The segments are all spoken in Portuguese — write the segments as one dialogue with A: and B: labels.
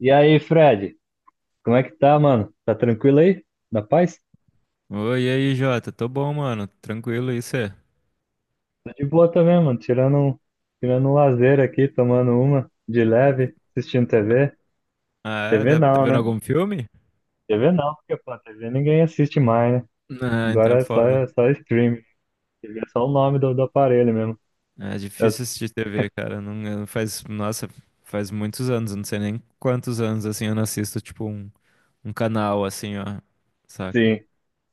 A: E aí, Fred, como é que tá, mano? Tá tranquilo aí? Na paz?
B: Oi, e aí, Jota? Tô bom, mano. Tranquilo, e cê?
A: Tô de boa também, mano. Tirando um lazer aqui, tomando uma de leve, assistindo TV.
B: Ah, é?
A: TV
B: Tá, tá
A: não,
B: vendo
A: né?
B: algum filme?
A: TV não, porque, pô, TV ninguém assiste mais, né?
B: Ah, então é
A: Agora é só,
B: foda.
A: é só streaming. TV é só o nome do aparelho mesmo.
B: É
A: Eu-
B: difícil assistir TV, cara. Não, eu- faz, nossa, faz muitos anos, eu não sei nem quantos anos, assim, eu não assisto, tipo, um canal, assim, ó. Saca?
A: sim,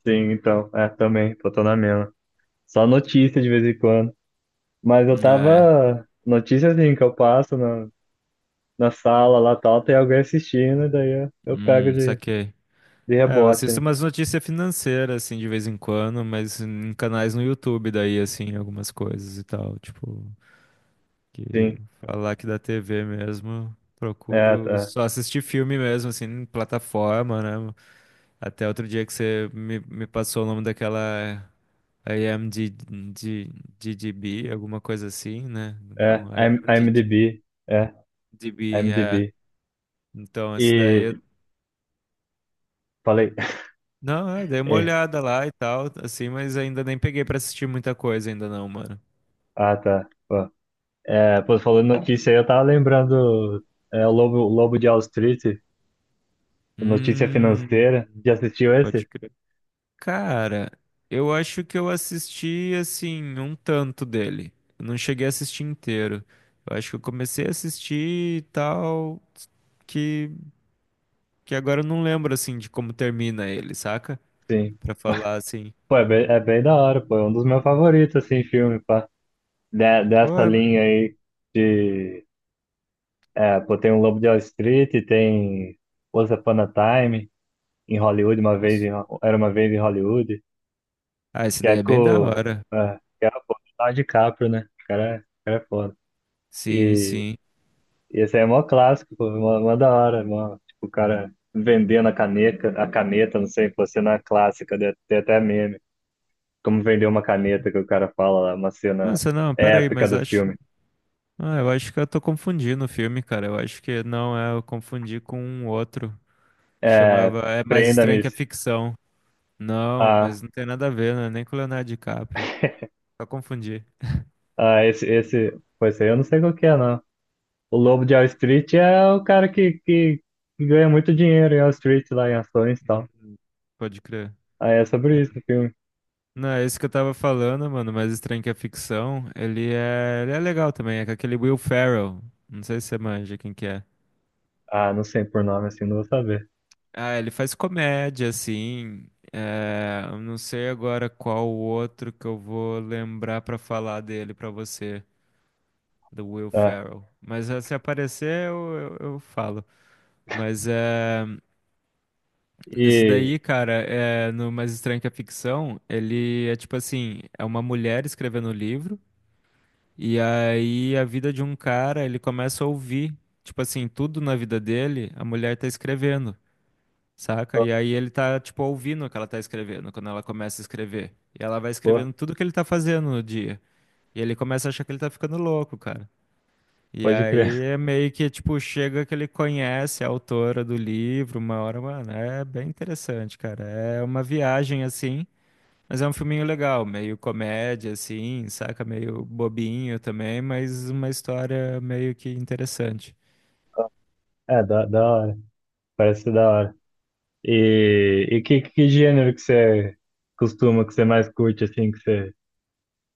A: sim, então. É, também, pô, tô na mesma. Só notícia de vez em quando. Mas eu
B: É,
A: tava. Notícia assim, que eu passo na sala lá tal, tem alguém assistindo, e daí eu pego de
B: saquei.
A: De
B: É, eu
A: rebote,
B: assisto
A: né?
B: umas notícias financeiras, assim, de vez em quando, mas em canais no YouTube, daí, assim, algumas coisas e tal, tipo... Que
A: Sim.
B: falar que da TV mesmo,
A: É,
B: procuro
A: tá.
B: só assistir filme mesmo, assim, em plataforma, né? Até outro dia que você me passou o nome daquela IMDb, alguma coisa assim, né?
A: É.
B: Não, IMDb,
A: IMDb. É,
B: é.
A: IMDb.
B: Então, esse
A: E
B: daí, eu-
A: falei.
B: não, é, dei uma
A: É.
B: olhada lá e tal, assim, mas ainda nem peguei pra assistir muita coisa ainda não, mano.
A: Ah, tá. Pô. É, pô, falando notícia aí, eu tava lembrando é, o Lobo de Wall Street, notícia
B: Hum,
A: financeira. Já assistiu
B: pode
A: esse?
B: crer. Cara, eu acho que eu assisti assim um tanto dele. Eu não cheguei a assistir inteiro. Eu acho que eu comecei a assistir e tal, que que agora eu não lembro assim de como termina ele, saca?
A: Sim.
B: Pra falar assim,
A: Pô, é bem da hora, pô. É um dos meus favoritos, assim, filme, pá.
B: pô,
A: Dessa
B: é
A: linha
B: mesmo,
A: aí de. É, pô, tem o Lobo de Wall Street, tem Once Upon a Time em Hollywood, uma vez
B: moço.
A: em, Ho- era uma vez em Hollywood.
B: Ah, essa
A: Que é
B: ideia é bem da
A: com.
B: hora.
A: É, que é o Leonardo DiCaprio, né? O cara é foda.
B: Sim,
A: E,
B: sim.
A: e esse aí é mó clássico, pô, mó da hora. Mó, tipo, o cara vendendo a caneca, a caneta, não sei, pô, cena clássica, né? Tem até meme. Como vender uma caneta que o cara fala lá, uma cena
B: Nossa, não, pera aí,
A: épica
B: mas
A: do
B: acho,
A: filme.
B: ah, eu acho que eu tô confundindo o filme, cara. Eu acho que não é, eu confundi com um outro que
A: É,
B: chamava É Mais Estranho
A: prenda-me
B: que a Ficção. Não,
A: a,
B: mas não tem nada a ver, né? Nem com o Leonardo DiCaprio. Só confundi,
A: esse. Pô, esse aí eu não sei qual que é, não. O Lobo de Wall Street é o cara que ganha muito dinheiro em Wall Street, lá em ações e tal.
B: pode crer.
A: Aí é sobre isso o filme.
B: Não, é isso que eu tava falando, mano, mas Estranho que é Ficção, ele é legal também, é com aquele Will Ferrell. Não sei se você manja quem que é.
A: Ah, não sei por nome assim, não vou saber.
B: Ah, ele faz comédia, assim. É, eu não sei agora qual o outro que eu vou lembrar pra falar dele pra você, do Will
A: Tá.
B: Ferrell. Mas se aparecer, eu falo. Mas é. Nesse
A: E.
B: daí, cara, é, no Mais Estranho que a Ficção, ele é tipo assim, é uma mulher escrevendo o livro, e aí a vida de um cara, ele começa a ouvir, tipo assim, tudo na vida dele, a mulher tá escrevendo, saca?
A: Pô,
B: E aí ele tá, tipo, ouvindo o que ela tá escrevendo, quando ela começa a escrever. E ela vai
A: pô,
B: escrevendo tudo que ele tá fazendo no dia. E ele começa a achar que ele tá ficando louco, cara. E
A: pode crer.
B: aí é meio que, tipo, chega que ele conhece a autora do livro, uma hora, mano, é bem interessante, cara. É uma viagem, assim, mas é um filminho legal, meio comédia, assim, saca? Meio bobinho também, mas uma história meio que interessante.
A: É, da hora. Parece da hora. Que gênero que você costuma, que você mais curte, assim, que você.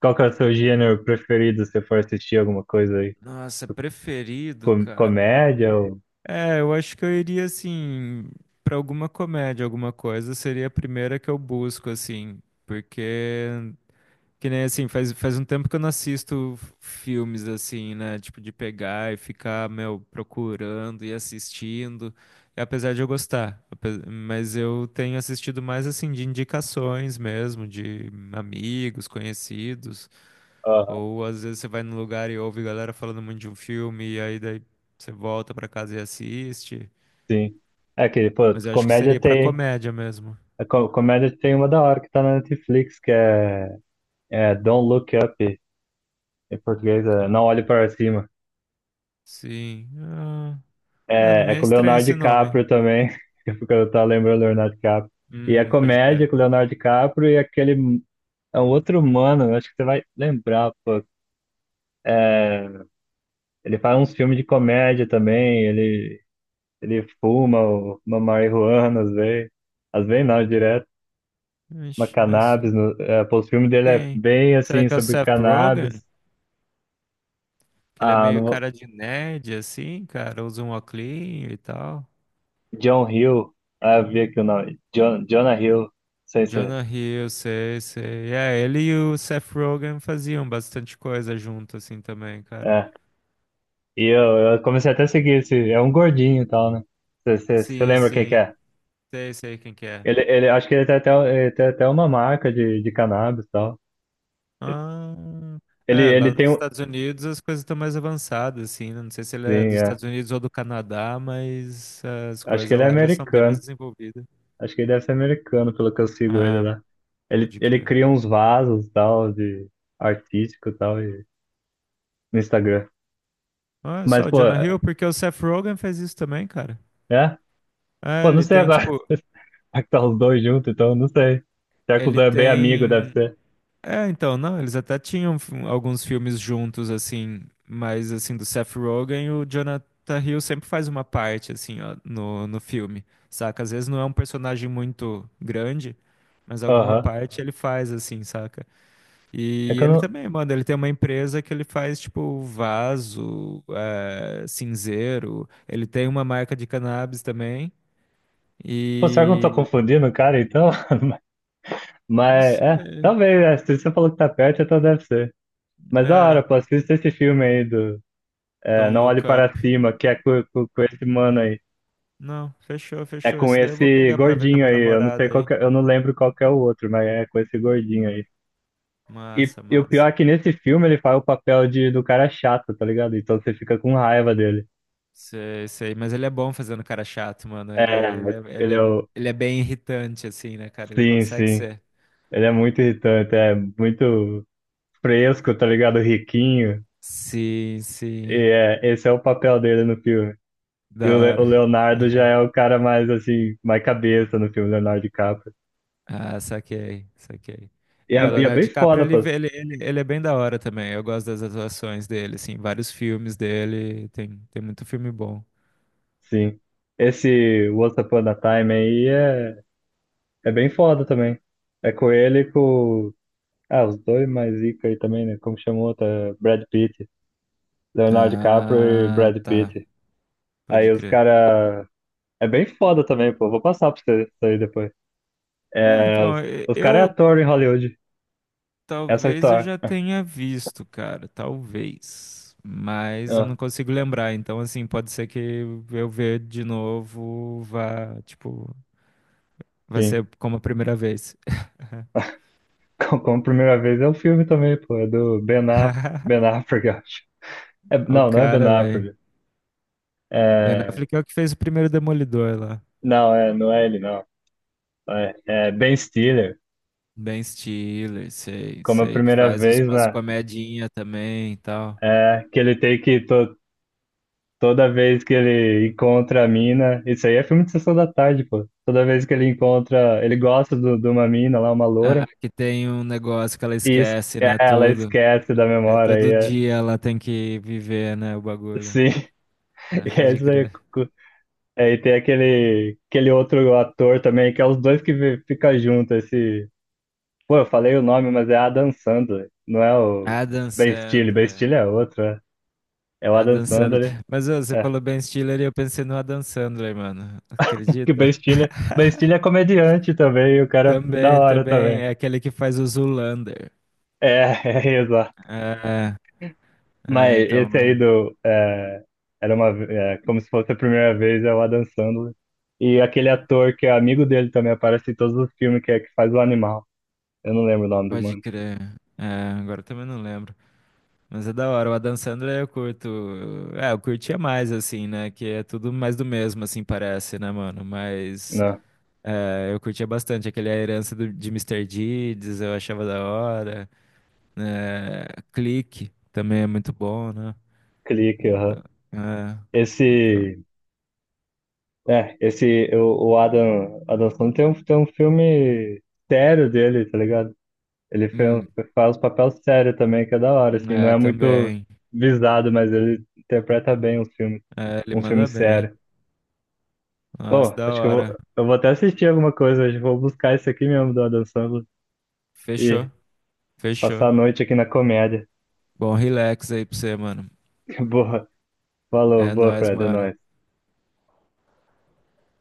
A: Qual que é o seu gênero preferido se você for assistir alguma coisa aí?
B: Nossa, preferido,
A: Com-
B: cara.
A: comédia ou.
B: É, eu acho que eu iria, assim, pra alguma comédia, alguma coisa, seria a primeira que eu busco, assim, porque Que nem assim, faz um tempo que eu não assisto filmes assim, né? Tipo, de pegar e ficar, meu, procurando e assistindo. E apesar de eu gostar, ape- mas eu tenho assistido mais assim de indicações mesmo, de amigos, conhecidos.
A: Aham,
B: Ou às vezes você vai num lugar e ouve galera falando muito de um filme, e aí daí você volta pra casa e assiste.
A: sim. É que, pô,
B: Mas eu acho que
A: comédia
B: seria pra
A: tem.
B: comédia mesmo.
A: A co- comédia tem uma da hora que tá na Netflix, que é, é Don't Look Up. Em
B: Então,
A: português, é
B: Luca.
A: Não Olhe Para Cima.
B: Sim. Ah, é, não
A: É,
B: me
A: é
B: é
A: com o
B: estranho
A: Leonardo
B: esse nome.
A: DiCaprio também. Porque eu tava lembrando do Leonardo DiCaprio. E é
B: Pode
A: comédia
B: crer.
A: com o Leonardo DiCaprio e aquele. É um outro humano, eu acho que você vai lembrar, pô. Ele faz uns filmes de comédia também, ele fuma uma marihuana às vezes. Às vezes não, direto. Uma
B: Ixi, mas
A: cannabis. No, é, pô, os filmes dele é
B: quem?
A: bem
B: Será
A: assim,
B: que é o
A: sobre
B: Seth Rogen?
A: cannabis.
B: Que ele é
A: Ah, não
B: meio
A: vou-
B: cara de nerd, assim, cara, usa um óculinho e tal.
A: John Hill. Ah, eu vi aqui o nome. Jonah Hill. Não sei se é.
B: Jonah Hill, sei, sei. É, ele e o Seth Rogen faziam bastante coisa junto, assim, também, cara.
A: É, e eu comecei até a seguir esse. É um gordinho e tal, né? Você
B: Sim,
A: lembra quem que
B: sim.
A: é?
B: Sei, sei quem que é.
A: Acho que ele tem até uma marca de cannabis e tal.
B: Ah, é, lá
A: Ele tem
B: nos
A: um.
B: Estados Unidos as coisas estão mais avançadas, assim, né? Não sei se ele é
A: Sim,
B: dos
A: é.
B: Estados Unidos ou do Canadá, mas as
A: Acho que
B: coisas
A: ele é
B: lá já são bem mais
A: americano.
B: desenvolvidas.
A: Acho que ele deve ser americano, pelo que eu sigo ele
B: Ah,
A: lá.
B: pode
A: Ele
B: crer.
A: cria uns vasos e tal, de artístico e tal, e, no Instagram.
B: Ah,
A: Mas,
B: só o
A: pô,
B: Jonah
A: é?
B: Hill, porque o Seth Rogen fez isso também, cara.
A: É?
B: É,
A: Pô, não
B: ele
A: sei
B: tem,
A: agora.
B: tipo,
A: Será que tá os dois juntos, então? Não sei. Será que os
B: ele
A: dois é bem amigo, deve
B: tem.
A: ser?
B: É, então, não, eles até tinham f- alguns filmes juntos, assim, mas, assim, do Seth Rogen, o Jonathan Hill sempre faz uma parte, assim, ó, no filme, saca? Às vezes não é um personagem muito grande, mas alguma
A: Aham.
B: parte ele faz, assim, saca?
A: É
B: E
A: que eu
B: ele
A: não.
B: também, mano, ele tem uma empresa que ele faz, tipo, vaso, é, cinzeiro, ele tem uma marca de cannabis também.
A: Pô, será que eu não tô
B: E
A: confundindo o cara, então?
B: não
A: Mas, é,
B: sei.
A: talvez, é, se você falou que tá perto, então deve ser. Mas da hora,
B: É,
A: pô, assista esse filme aí do é,
B: Don't
A: Não Olhe
B: Look Up.
A: Para Cima, que é com, com esse mano aí.
B: Não, fechou,
A: É
B: fechou.
A: com
B: Esse daí eu vou
A: esse
B: pegar pra ver com a
A: gordinho
B: minha
A: aí, eu não sei
B: namorada
A: qual
B: aí.
A: que, é- eu não lembro qual que é o outro, mas é com esse gordinho aí. E,
B: Massa,
A: e o
B: massa.
A: pior é que nesse filme ele faz o papel do cara chato, tá ligado? Então você fica com raiva dele.
B: Sei, sei, mas ele é bom fazendo cara chato, mano.
A: É,
B: Ele, é, ele,
A: ele
B: é,
A: é o...
B: ele é bem irritante, assim, né, cara? Ele
A: Sim,
B: consegue
A: sim.
B: ser.
A: Ele é muito irritante, é muito fresco, tá ligado? Riquinho.
B: Sim,
A: E
B: sim.
A: é, esse é o papel dele no filme.
B: Da
A: O
B: hora.
A: Leonardo já é o cara mais, assim, mais cabeça no filme, Leonardo DiCaprio.
B: Ah, saquei, saquei. É, o
A: E é
B: Leonardo
A: bem
B: DiCaprio,
A: foda,
B: ele,
A: pô,
B: ele, ele, ele é bem da hora também. Eu gosto das atuações dele, assim, vários filmes dele. Tem, tem muito filme bom.
A: sim. Esse Once Upon a Time aí é, é bem foda também. É com ele e com... Ah, os dois mais zica aí também, né? Como chamou? Tá? Brad Pitt. Leonardo DiCaprio e
B: Ah,
A: Brad
B: tá.
A: Pitt.
B: Pode
A: Aí os
B: crer.
A: cara... É bem foda também, pô. Vou passar pra você isso aí depois.
B: É,
A: É,
B: então, e-
A: os cara é
B: eu-
A: ator em Hollywood. Essa é a
B: talvez eu
A: história.
B: já tenha visto, cara, talvez. Mas eu
A: Ah,
B: não consigo lembrar, então assim, pode ser que eu ver de novo vá, tipo, vai
A: sim.
B: ser como a primeira vez.
A: Como como primeira vez é um filme também, pô. É do Ben Affleck, eu acho. É,
B: O
A: não, não é Ben
B: cara, velho.
A: Affleck.
B: Ben
A: É,
B: Affleck é o que fez o primeiro Demolidor lá.
A: não é ele, não. É, é Ben Stiller.
B: Ben Stiller, sei,
A: Como a
B: sei, que
A: primeira
B: faz uns,
A: vez,
B: umas
A: né?
B: comedinha também e tal.
A: É, que ele tem que. Toda vez que ele encontra a mina. Isso aí é filme de sessão da tarde, pô. Toda vez que ele encontra. Ele gosta de uma mina lá, uma
B: Ah,
A: loura.
B: que tem um negócio que ela
A: E es-
B: esquece, né,
A: ela
B: tudo.
A: esquece da
B: É
A: memória. E
B: todo
A: é,
B: dia ela tem que viver, né, o bagulho.
A: sim.
B: Ah,
A: E é
B: pode
A: isso aí.
B: crer.
A: É, e tem aquele outro ator também, que é os dois que vi- fica junto, esse... Pô, eu falei o nome, mas é Adam Sandler, não é o
B: Adam
A: Ben Stiller,
B: Sandler.
A: É o Adam
B: Adam Sandler.
A: Sandler,
B: Mas ô, você
A: é,
B: falou Ben Stiller e eu pensei no Adam Sandler, mano.
A: que o Ben
B: Acredita?
A: Stiller, Ben Stiller é comediante também, e o cara é da
B: Também,
A: hora
B: também.
A: também,
B: É aquele que faz o Zoolander.
A: é, é, exato,
B: É,
A: mas
B: é, então,
A: esse aí
B: mano.
A: do, é, era uma, ve- é, como se fosse a primeira vez, é o Adam Sandler, e aquele ator que é amigo dele também aparece em todos os filmes, que é que faz o animal, eu não lembro o nome do
B: Pode
A: mano,
B: crer. É, agora eu também não lembro. Mas é da hora. O Adam Sandler eu curto. É, eu curtia mais, assim, né? Que é tudo mais do mesmo, assim, parece, né, mano? Mas.
A: não.
B: É, eu curtia bastante aquele A Herança do- de Mister Deeds, eu achava da hora. É, Clique também é muito bom, né?
A: Clique, aham.
B: Então, é, então.
A: Esse, é, esse, o Adam, Adam Sandler tem um filme sério dele, tá ligado? Ele fez,
B: Hum,
A: faz papel sério também, que é da hora, assim, não
B: é,
A: é muito
B: também.
A: visado, mas ele interpreta bem os filmes,
B: É, ele
A: um filme
B: manda bem.
A: sério.
B: Nossa,
A: Pô,
B: da
A: acho que
B: hora.
A: eu vou até assistir alguma coisa hoje, vou buscar esse aqui mesmo do Adam Sandler
B: Fechou,
A: e
B: fechou.
A: passar a noite aqui na comédia.
B: Bom, relax aí pra você, mano.
A: Boa, falou,
B: É
A: boa,
B: nóis,
A: Fred, é
B: mano.
A: nóis.